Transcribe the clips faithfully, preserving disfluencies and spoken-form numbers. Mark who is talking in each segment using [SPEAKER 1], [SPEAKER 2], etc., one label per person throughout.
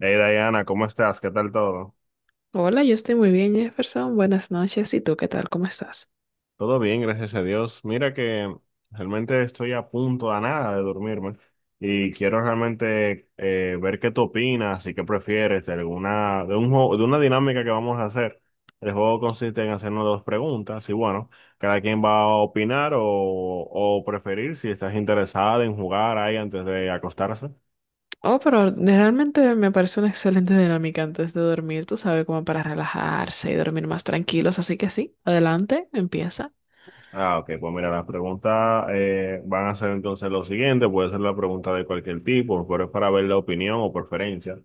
[SPEAKER 1] Hey Diana, ¿cómo estás? ¿Qué tal todo?
[SPEAKER 2] Hola, yo estoy muy bien, Jefferson. Buenas noches. ¿Y tú qué tal? ¿Cómo estás?
[SPEAKER 1] Todo bien, gracias a Dios. Mira que realmente estoy a punto a nada de dormirme y quiero realmente eh, ver qué tú opinas y qué prefieres de alguna de un juego, de una dinámica que vamos a hacer. El juego consiste en hacernos dos preguntas y bueno, cada quien va a opinar o, o preferir si estás interesada en jugar ahí antes de acostarse.
[SPEAKER 2] Oh, pero realmente me parece una excelente dinámica antes de dormir, tú sabes, como para relajarse y dormir más tranquilos. Así que sí, adelante, empieza.
[SPEAKER 1] Ah, ok, pues mira, las preguntas eh, van a ser entonces lo siguiente, puede ser la pregunta de cualquier tipo, pero es para ver la opinión o preferencia.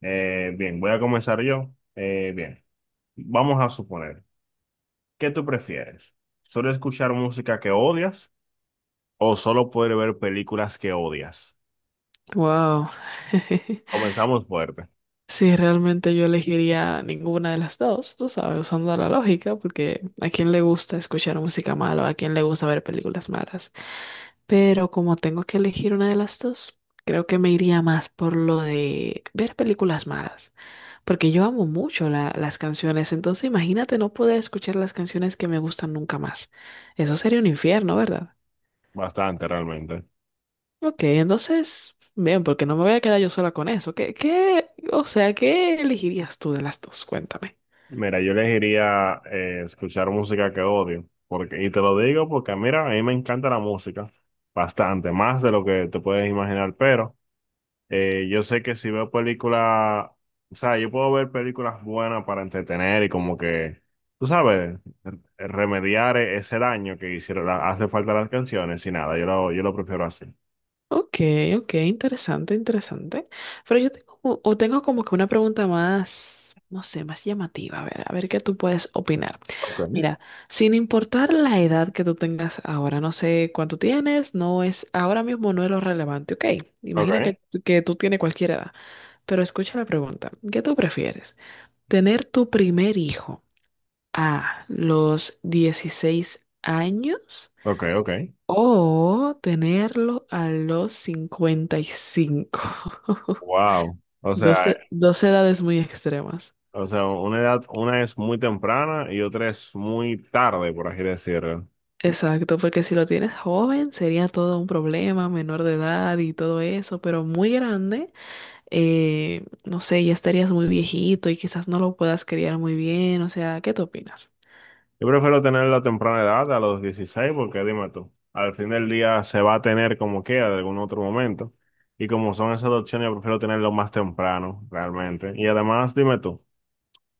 [SPEAKER 1] Eh, bien, voy a comenzar yo. Eh, bien, vamos a suponer, ¿qué tú prefieres? ¿Solo escuchar música que odias o solo poder ver películas que odias?
[SPEAKER 2] Wow.
[SPEAKER 1] Comenzamos fuerte,
[SPEAKER 2] Sí, realmente yo elegiría ninguna de las dos, tú sabes, usando la lógica, porque a quién le gusta escuchar música mala, a quién le gusta ver películas malas. Pero como tengo que elegir una de las dos, creo que me iría más por lo de ver películas malas. Porque yo amo mucho la- las canciones, entonces imagínate no poder escuchar las canciones que me gustan nunca más. Eso sería un infierno, ¿verdad?
[SPEAKER 1] bastante realmente.
[SPEAKER 2] Ok, entonces, bien, porque no me voy a quedar yo sola con eso. ¿Qué, qué, o sea, ¿qué elegirías tú de las dos? Cuéntame.
[SPEAKER 1] Mira, yo elegiría eh, escuchar música que odio, porque, y te lo digo porque, mira, a mí me encanta la música, bastante, más de lo que te puedes imaginar, pero eh, yo sé que si veo películas, o sea, yo puedo ver películas buenas para entretener y como que, tú sabes, re- remediar e- ese daño que hicieron, la- hace falta las canciones y nada, yo lo, yo lo prefiero así.
[SPEAKER 2] Ok, ok, interesante, interesante. Pero yo tengo, como- o tengo como que una pregunta más, no sé, más llamativa. A ver, a ver qué tú puedes opinar.
[SPEAKER 1] Ok.
[SPEAKER 2] Mira, sin importar la edad que tú tengas ahora, no sé cuánto tienes, no es, ahora mismo no es lo relevante, ok. Imagina que,
[SPEAKER 1] Okay.
[SPEAKER 2] que tú tienes cualquier edad, pero escucha la pregunta, ¿qué tú prefieres? ¿Tener tu primer hijo a los dieciséis años
[SPEAKER 1] Ok, ok.
[SPEAKER 2] o tenerlo a los cincuenta y cinco?
[SPEAKER 1] Wow. O
[SPEAKER 2] Dos,
[SPEAKER 1] sea,
[SPEAKER 2] e- dos edades muy extremas.
[SPEAKER 1] o sea, una edad, una es muy temprana y otra es muy tarde, por así decirlo.
[SPEAKER 2] Exacto, porque si lo tienes joven sería todo un problema, menor de edad y todo eso, pero muy grande, eh, no sé, ya estarías muy viejito y quizás no lo puedas criar muy bien, o sea, ¿qué tú opinas?
[SPEAKER 1] Yo prefiero tener la temprana edad a los dieciséis porque dime tú, al fin del día se va a tener como queda de algún otro momento. Y como son esas dos opciones, yo prefiero tenerlo más temprano, realmente. Y además, dime tú,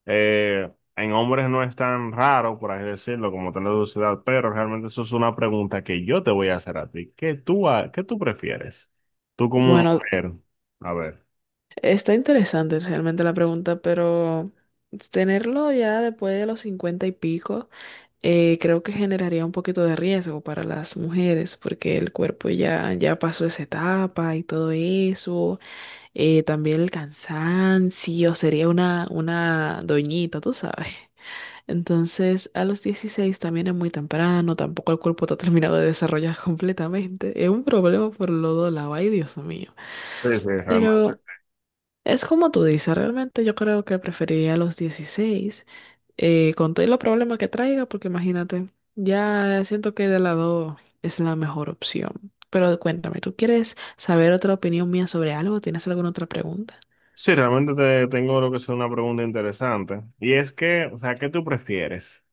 [SPEAKER 1] eh, en hombres no es tan raro, por así decirlo, como tener su edad, pero realmente eso es una pregunta que yo te voy a hacer a ti. ¿Qué tú, ha- qué tú prefieres? Tú como
[SPEAKER 2] Bueno,
[SPEAKER 1] mujer, a ver.
[SPEAKER 2] está interesante realmente la pregunta, pero tenerlo ya después de los cincuenta y pico, eh, creo que generaría un poquito de riesgo para las mujeres, porque el cuerpo ya, ya pasó esa etapa y todo eso. Eh, también el cansancio, sería una, una doñita, tú sabes. Entonces, a los dieciséis también es muy temprano, tampoco el cuerpo está terminado de desarrollar completamente. Es un problema por los dos lados, ay Dios mío.
[SPEAKER 1] Sí, sí, realmente.
[SPEAKER 2] Pero es como tú dices, realmente yo creo que preferiría los dieciséis eh, con todos los problemas que traiga, porque imagínate, ya siento que de lado es la mejor opción. Pero cuéntame, ¿tú quieres saber otra opinión mía sobre algo? ¿Tienes alguna otra pregunta?
[SPEAKER 1] Sí, realmente te tengo lo que es una pregunta interesante. Y es que, o sea, ¿qué tú prefieres?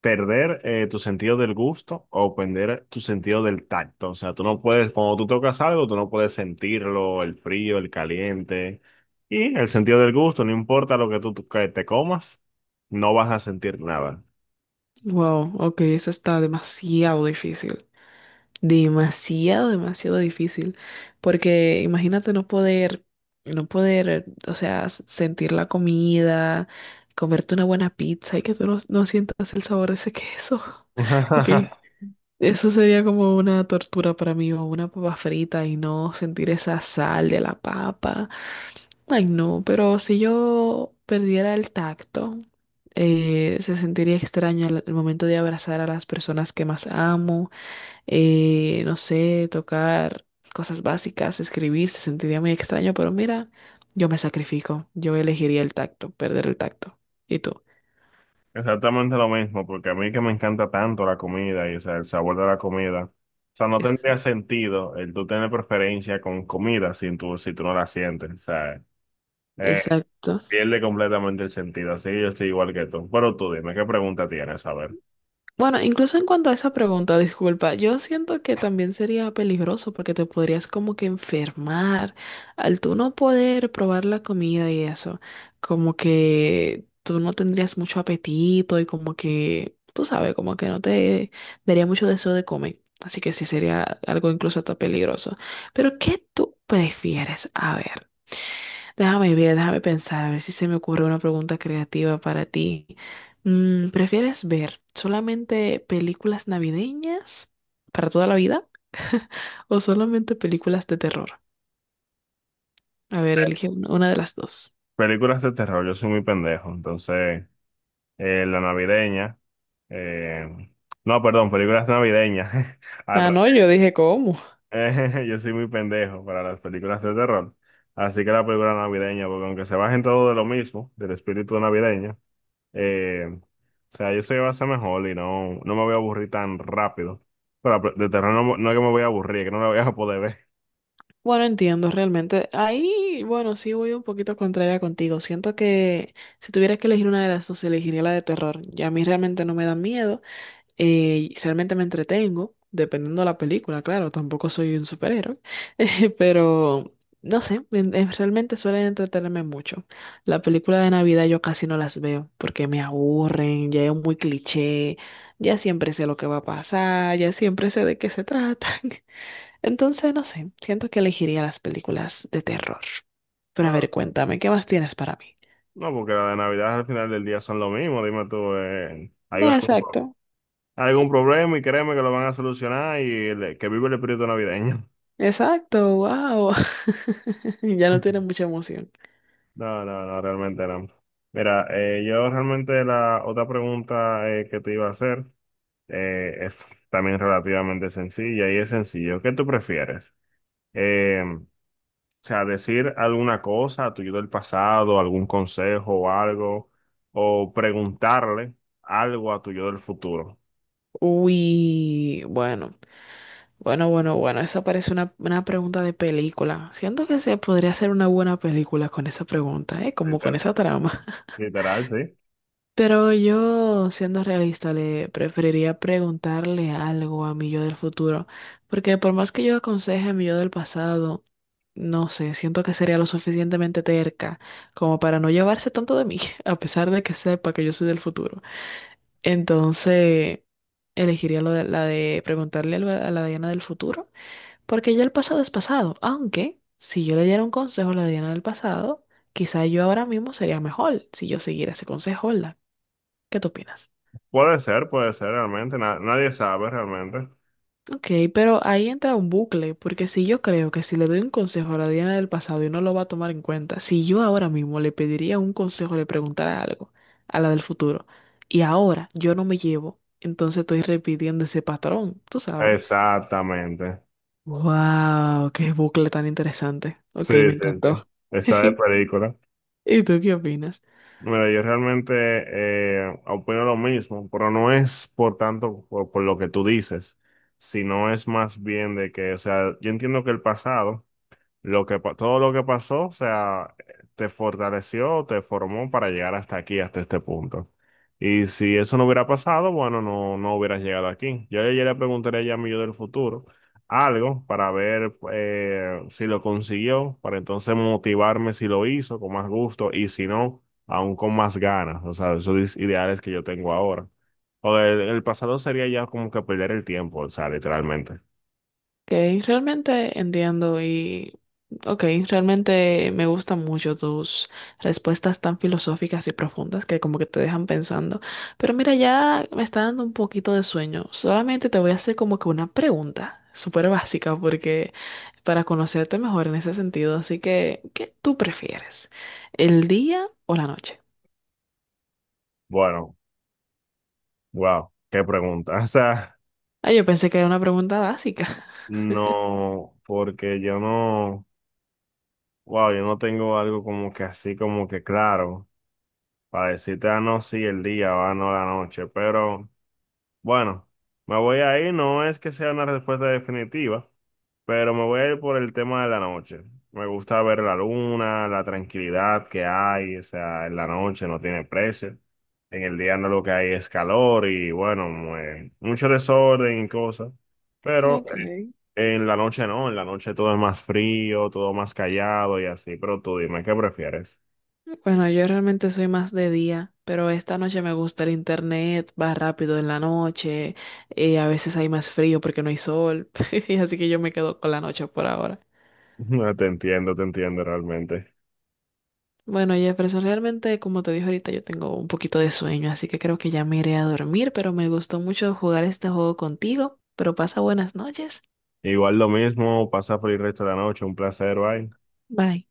[SPEAKER 1] ¿Perder eh, tu sentido del gusto o perder tu sentido del tacto? O sea, tú no puedes, cuando tú tocas algo, tú no puedes sentirlo, el frío, el caliente. Y el sentido del gusto, no importa lo que tú tú- que te comas, no vas a sentir nada.
[SPEAKER 2] Wow, ok, eso está demasiado difícil. Demasiado, demasiado difícil. Porque imagínate no poder, no poder, o sea, s- sentir la comida, comerte una buena pizza y que tú no, no sientas el sabor de ese queso. Ok, eso sería como una tortura para mí, o una papa frita y no sentir esa sal de la papa. Ay, no, pero si yo perdiera el tacto, eh, se sentiría extraño al, al momento de abrazar a las personas que más amo, eh, no sé, tocar cosas básicas, escribir, se sentiría muy extraño, pero mira, yo me sacrifico, yo elegiría el tacto, perder el tacto. ¿Y tú?
[SPEAKER 1] Exactamente lo mismo, porque a mí que me encanta tanto la comida y o sea, el sabor de la comida, o sea, no
[SPEAKER 2] Es-
[SPEAKER 1] tendría sentido el tú tener preferencia con comida si tú, si tú no la sientes, o sea, eh,
[SPEAKER 2] exacto.
[SPEAKER 1] pierde completamente el sentido, así yo estoy igual que tú. Pero tú dime, ¿qué pregunta tienes? A ver,
[SPEAKER 2] Bueno, incluso en cuanto a esa pregunta, disculpa, yo siento que también sería peligroso porque te podrías como que enfermar al tú no poder probar la comida y eso, como que tú no tendrías mucho apetito y como que, tú sabes, como que no te daría mucho deseo de comer. Así que sí sería algo incluso hasta peligroso. Pero ¿qué tú prefieres? A ver. Déjame ver, déjame pensar, a ver si se me ocurre una pregunta creativa para ti. Mm, ¿prefieres ver solamente películas navideñas para toda la vida o solamente películas de terror? A ver, elige un- una de las dos.
[SPEAKER 1] películas de terror, yo soy muy pendejo, entonces, eh, la navideña, eh, no, perdón, películas navideñas, al
[SPEAKER 2] Ah, no, yo dije, ¿cómo?
[SPEAKER 1] Eh, yo soy muy pendejo para las películas de terror. Así que la película navideña, porque aunque se bajen todo de lo mismo, del espíritu navideño, eh, o sea, yo soy va a ser mejor y no, no me voy a aburrir tan rápido. Pero la pe- de terror no, no es que me voy a aburrir, es que no la voy a poder ver.
[SPEAKER 2] Bueno, entiendo, realmente. Ahí, bueno, sí voy un poquito contraria contigo. Siento que si tuviera que elegir una de las dos, elegiría la de terror. Ya a mí realmente no me da miedo. Eh, realmente me entretengo, dependiendo de la película, claro, tampoco soy un superhéroe, eh, pero no sé, en- en- realmente suelen entretenerme mucho. La película de Navidad yo casi no las veo porque me aburren, ya es muy cliché, ya siempre sé lo que va a pasar, ya siempre sé de qué se tratan. Entonces, no sé, siento que elegiría las películas de terror. Pero a ver,
[SPEAKER 1] Pero,
[SPEAKER 2] cuéntame, ¿qué más tienes para mí?
[SPEAKER 1] no, porque la de Navidad al final del día son lo mismo, dime tú, eh, hay
[SPEAKER 2] No,
[SPEAKER 1] algún, pro-
[SPEAKER 2] exacto.
[SPEAKER 1] algún problema y créeme que lo van a solucionar y el- que vive el espíritu navideño.
[SPEAKER 2] Exacto, wow. Ya no tiene mucha emoción.
[SPEAKER 1] No, no, no, realmente no. Mira, eh, yo realmente la otra pregunta eh, que te iba a hacer eh, es también relativamente sencilla y es sencillo. ¿Qué tú prefieres? Eh, o sea, decir alguna cosa a tu yo del pasado, algún consejo o algo, o preguntarle algo a tu yo del futuro.
[SPEAKER 2] Uy, bueno, bueno, bueno, bueno, esa parece una, una pregunta de película. Siento que se podría hacer una buena película con esa pregunta, ¿eh? Como con
[SPEAKER 1] Liter-
[SPEAKER 2] esa trama.
[SPEAKER 1] Literal, sí.
[SPEAKER 2] Pero yo, siendo realista, le preferiría preguntarle algo a mi yo del futuro, porque por más que yo aconseje a mi yo del pasado, no sé, siento que sería lo suficientemente terca como para no llevarse tanto de mí, a pesar de que sepa que yo soy del futuro. Entonces, elegiría lo de- la de preguntarle algo a la Diana del futuro, porque ya el pasado es pasado. Aunque, si yo le diera un consejo a la Diana del pasado, quizá yo ahora mismo sería mejor si yo siguiera ese consejo, ¿verdad? ¿Qué tú opinas?
[SPEAKER 1] Puede ser, puede ser realmente. Na- nadie sabe realmente.
[SPEAKER 2] Ok, pero ahí entra un bucle, porque si yo creo que si le doy un consejo a la Diana del pasado y no lo va a tomar en cuenta, si yo ahora mismo le pediría un consejo, le preguntara algo a la del futuro, y ahora yo no me llevo, entonces estoy repitiendo ese patrón, tú sabes.
[SPEAKER 1] Exactamente.
[SPEAKER 2] Wow, qué bucle tan interesante.
[SPEAKER 1] Sí,
[SPEAKER 2] Ok, me
[SPEAKER 1] sí, sí.
[SPEAKER 2] encantó.
[SPEAKER 1] Está de película.
[SPEAKER 2] ¿Y tú qué opinas?
[SPEAKER 1] Mira, yo realmente eh, opino lo mismo, pero no es por tanto por, por lo que tú dices, sino es más bien de que, o sea, yo entiendo que el pasado. Lo que, pa- todo lo que pasó, o sea, te fortaleció, te formó para llegar hasta aquí, hasta este punto. Y si eso no hubiera pasado, bueno, no, no hubieras llegado aquí. Yo ayer le preguntaría ya a mi yo del futuro algo para ver eh, si lo consiguió, para entonces motivarme si lo hizo con más gusto y si no, aún con más ganas. O sea, esos ideales que yo tengo ahora. O el, el pasado sería ya como que perder el tiempo, o sea, literalmente.
[SPEAKER 2] Ok, realmente entiendo y ok, realmente me gustan mucho tus respuestas tan filosóficas y profundas que como que te dejan pensando. Pero mira, ya me está dando un poquito de sueño. Solamente te voy a hacer como que una pregunta súper básica porque para conocerte mejor en ese sentido. Así que, ¿qué tú prefieres? ¿El día o la noche?
[SPEAKER 1] Bueno, wow, qué pregunta. O sea.
[SPEAKER 2] Ah, yo pensé que era una pregunta básica.
[SPEAKER 1] No, porque yo no, wow, yo no tengo algo como que así como que claro, para decirte, ah, no, sí, el día, ah, no, la noche, pero bueno, me voy a ir, no es que sea una respuesta definitiva, pero me voy a ir por el tema de la noche. Me gusta ver la luna, la tranquilidad que hay, o sea, en la noche no tiene precio, en el día no lo que hay es calor y bueno, mue- mucho desorden y cosas. Pero
[SPEAKER 2] Ok.
[SPEAKER 1] en la noche no, en la noche todo es más frío, todo más callado y así, pero tú dime, ¿qué prefieres?
[SPEAKER 2] Bueno, yo realmente soy más de día, pero esta noche me gusta el internet, va rápido en la noche, eh, a veces hay más frío porque no hay sol, y así que yo me quedo con la noche por ahora.
[SPEAKER 1] Te entiendo, te entiendo realmente.
[SPEAKER 2] Bueno, Jefferson, realmente, como te dije ahorita, yo tengo un poquito de sueño, así que creo que ya me iré a dormir, pero me gustó mucho jugar este juego contigo, pero pasa buenas noches.
[SPEAKER 1] Igual lo mismo, pasa por el resto de la noche, un placer, bye.
[SPEAKER 2] Bye.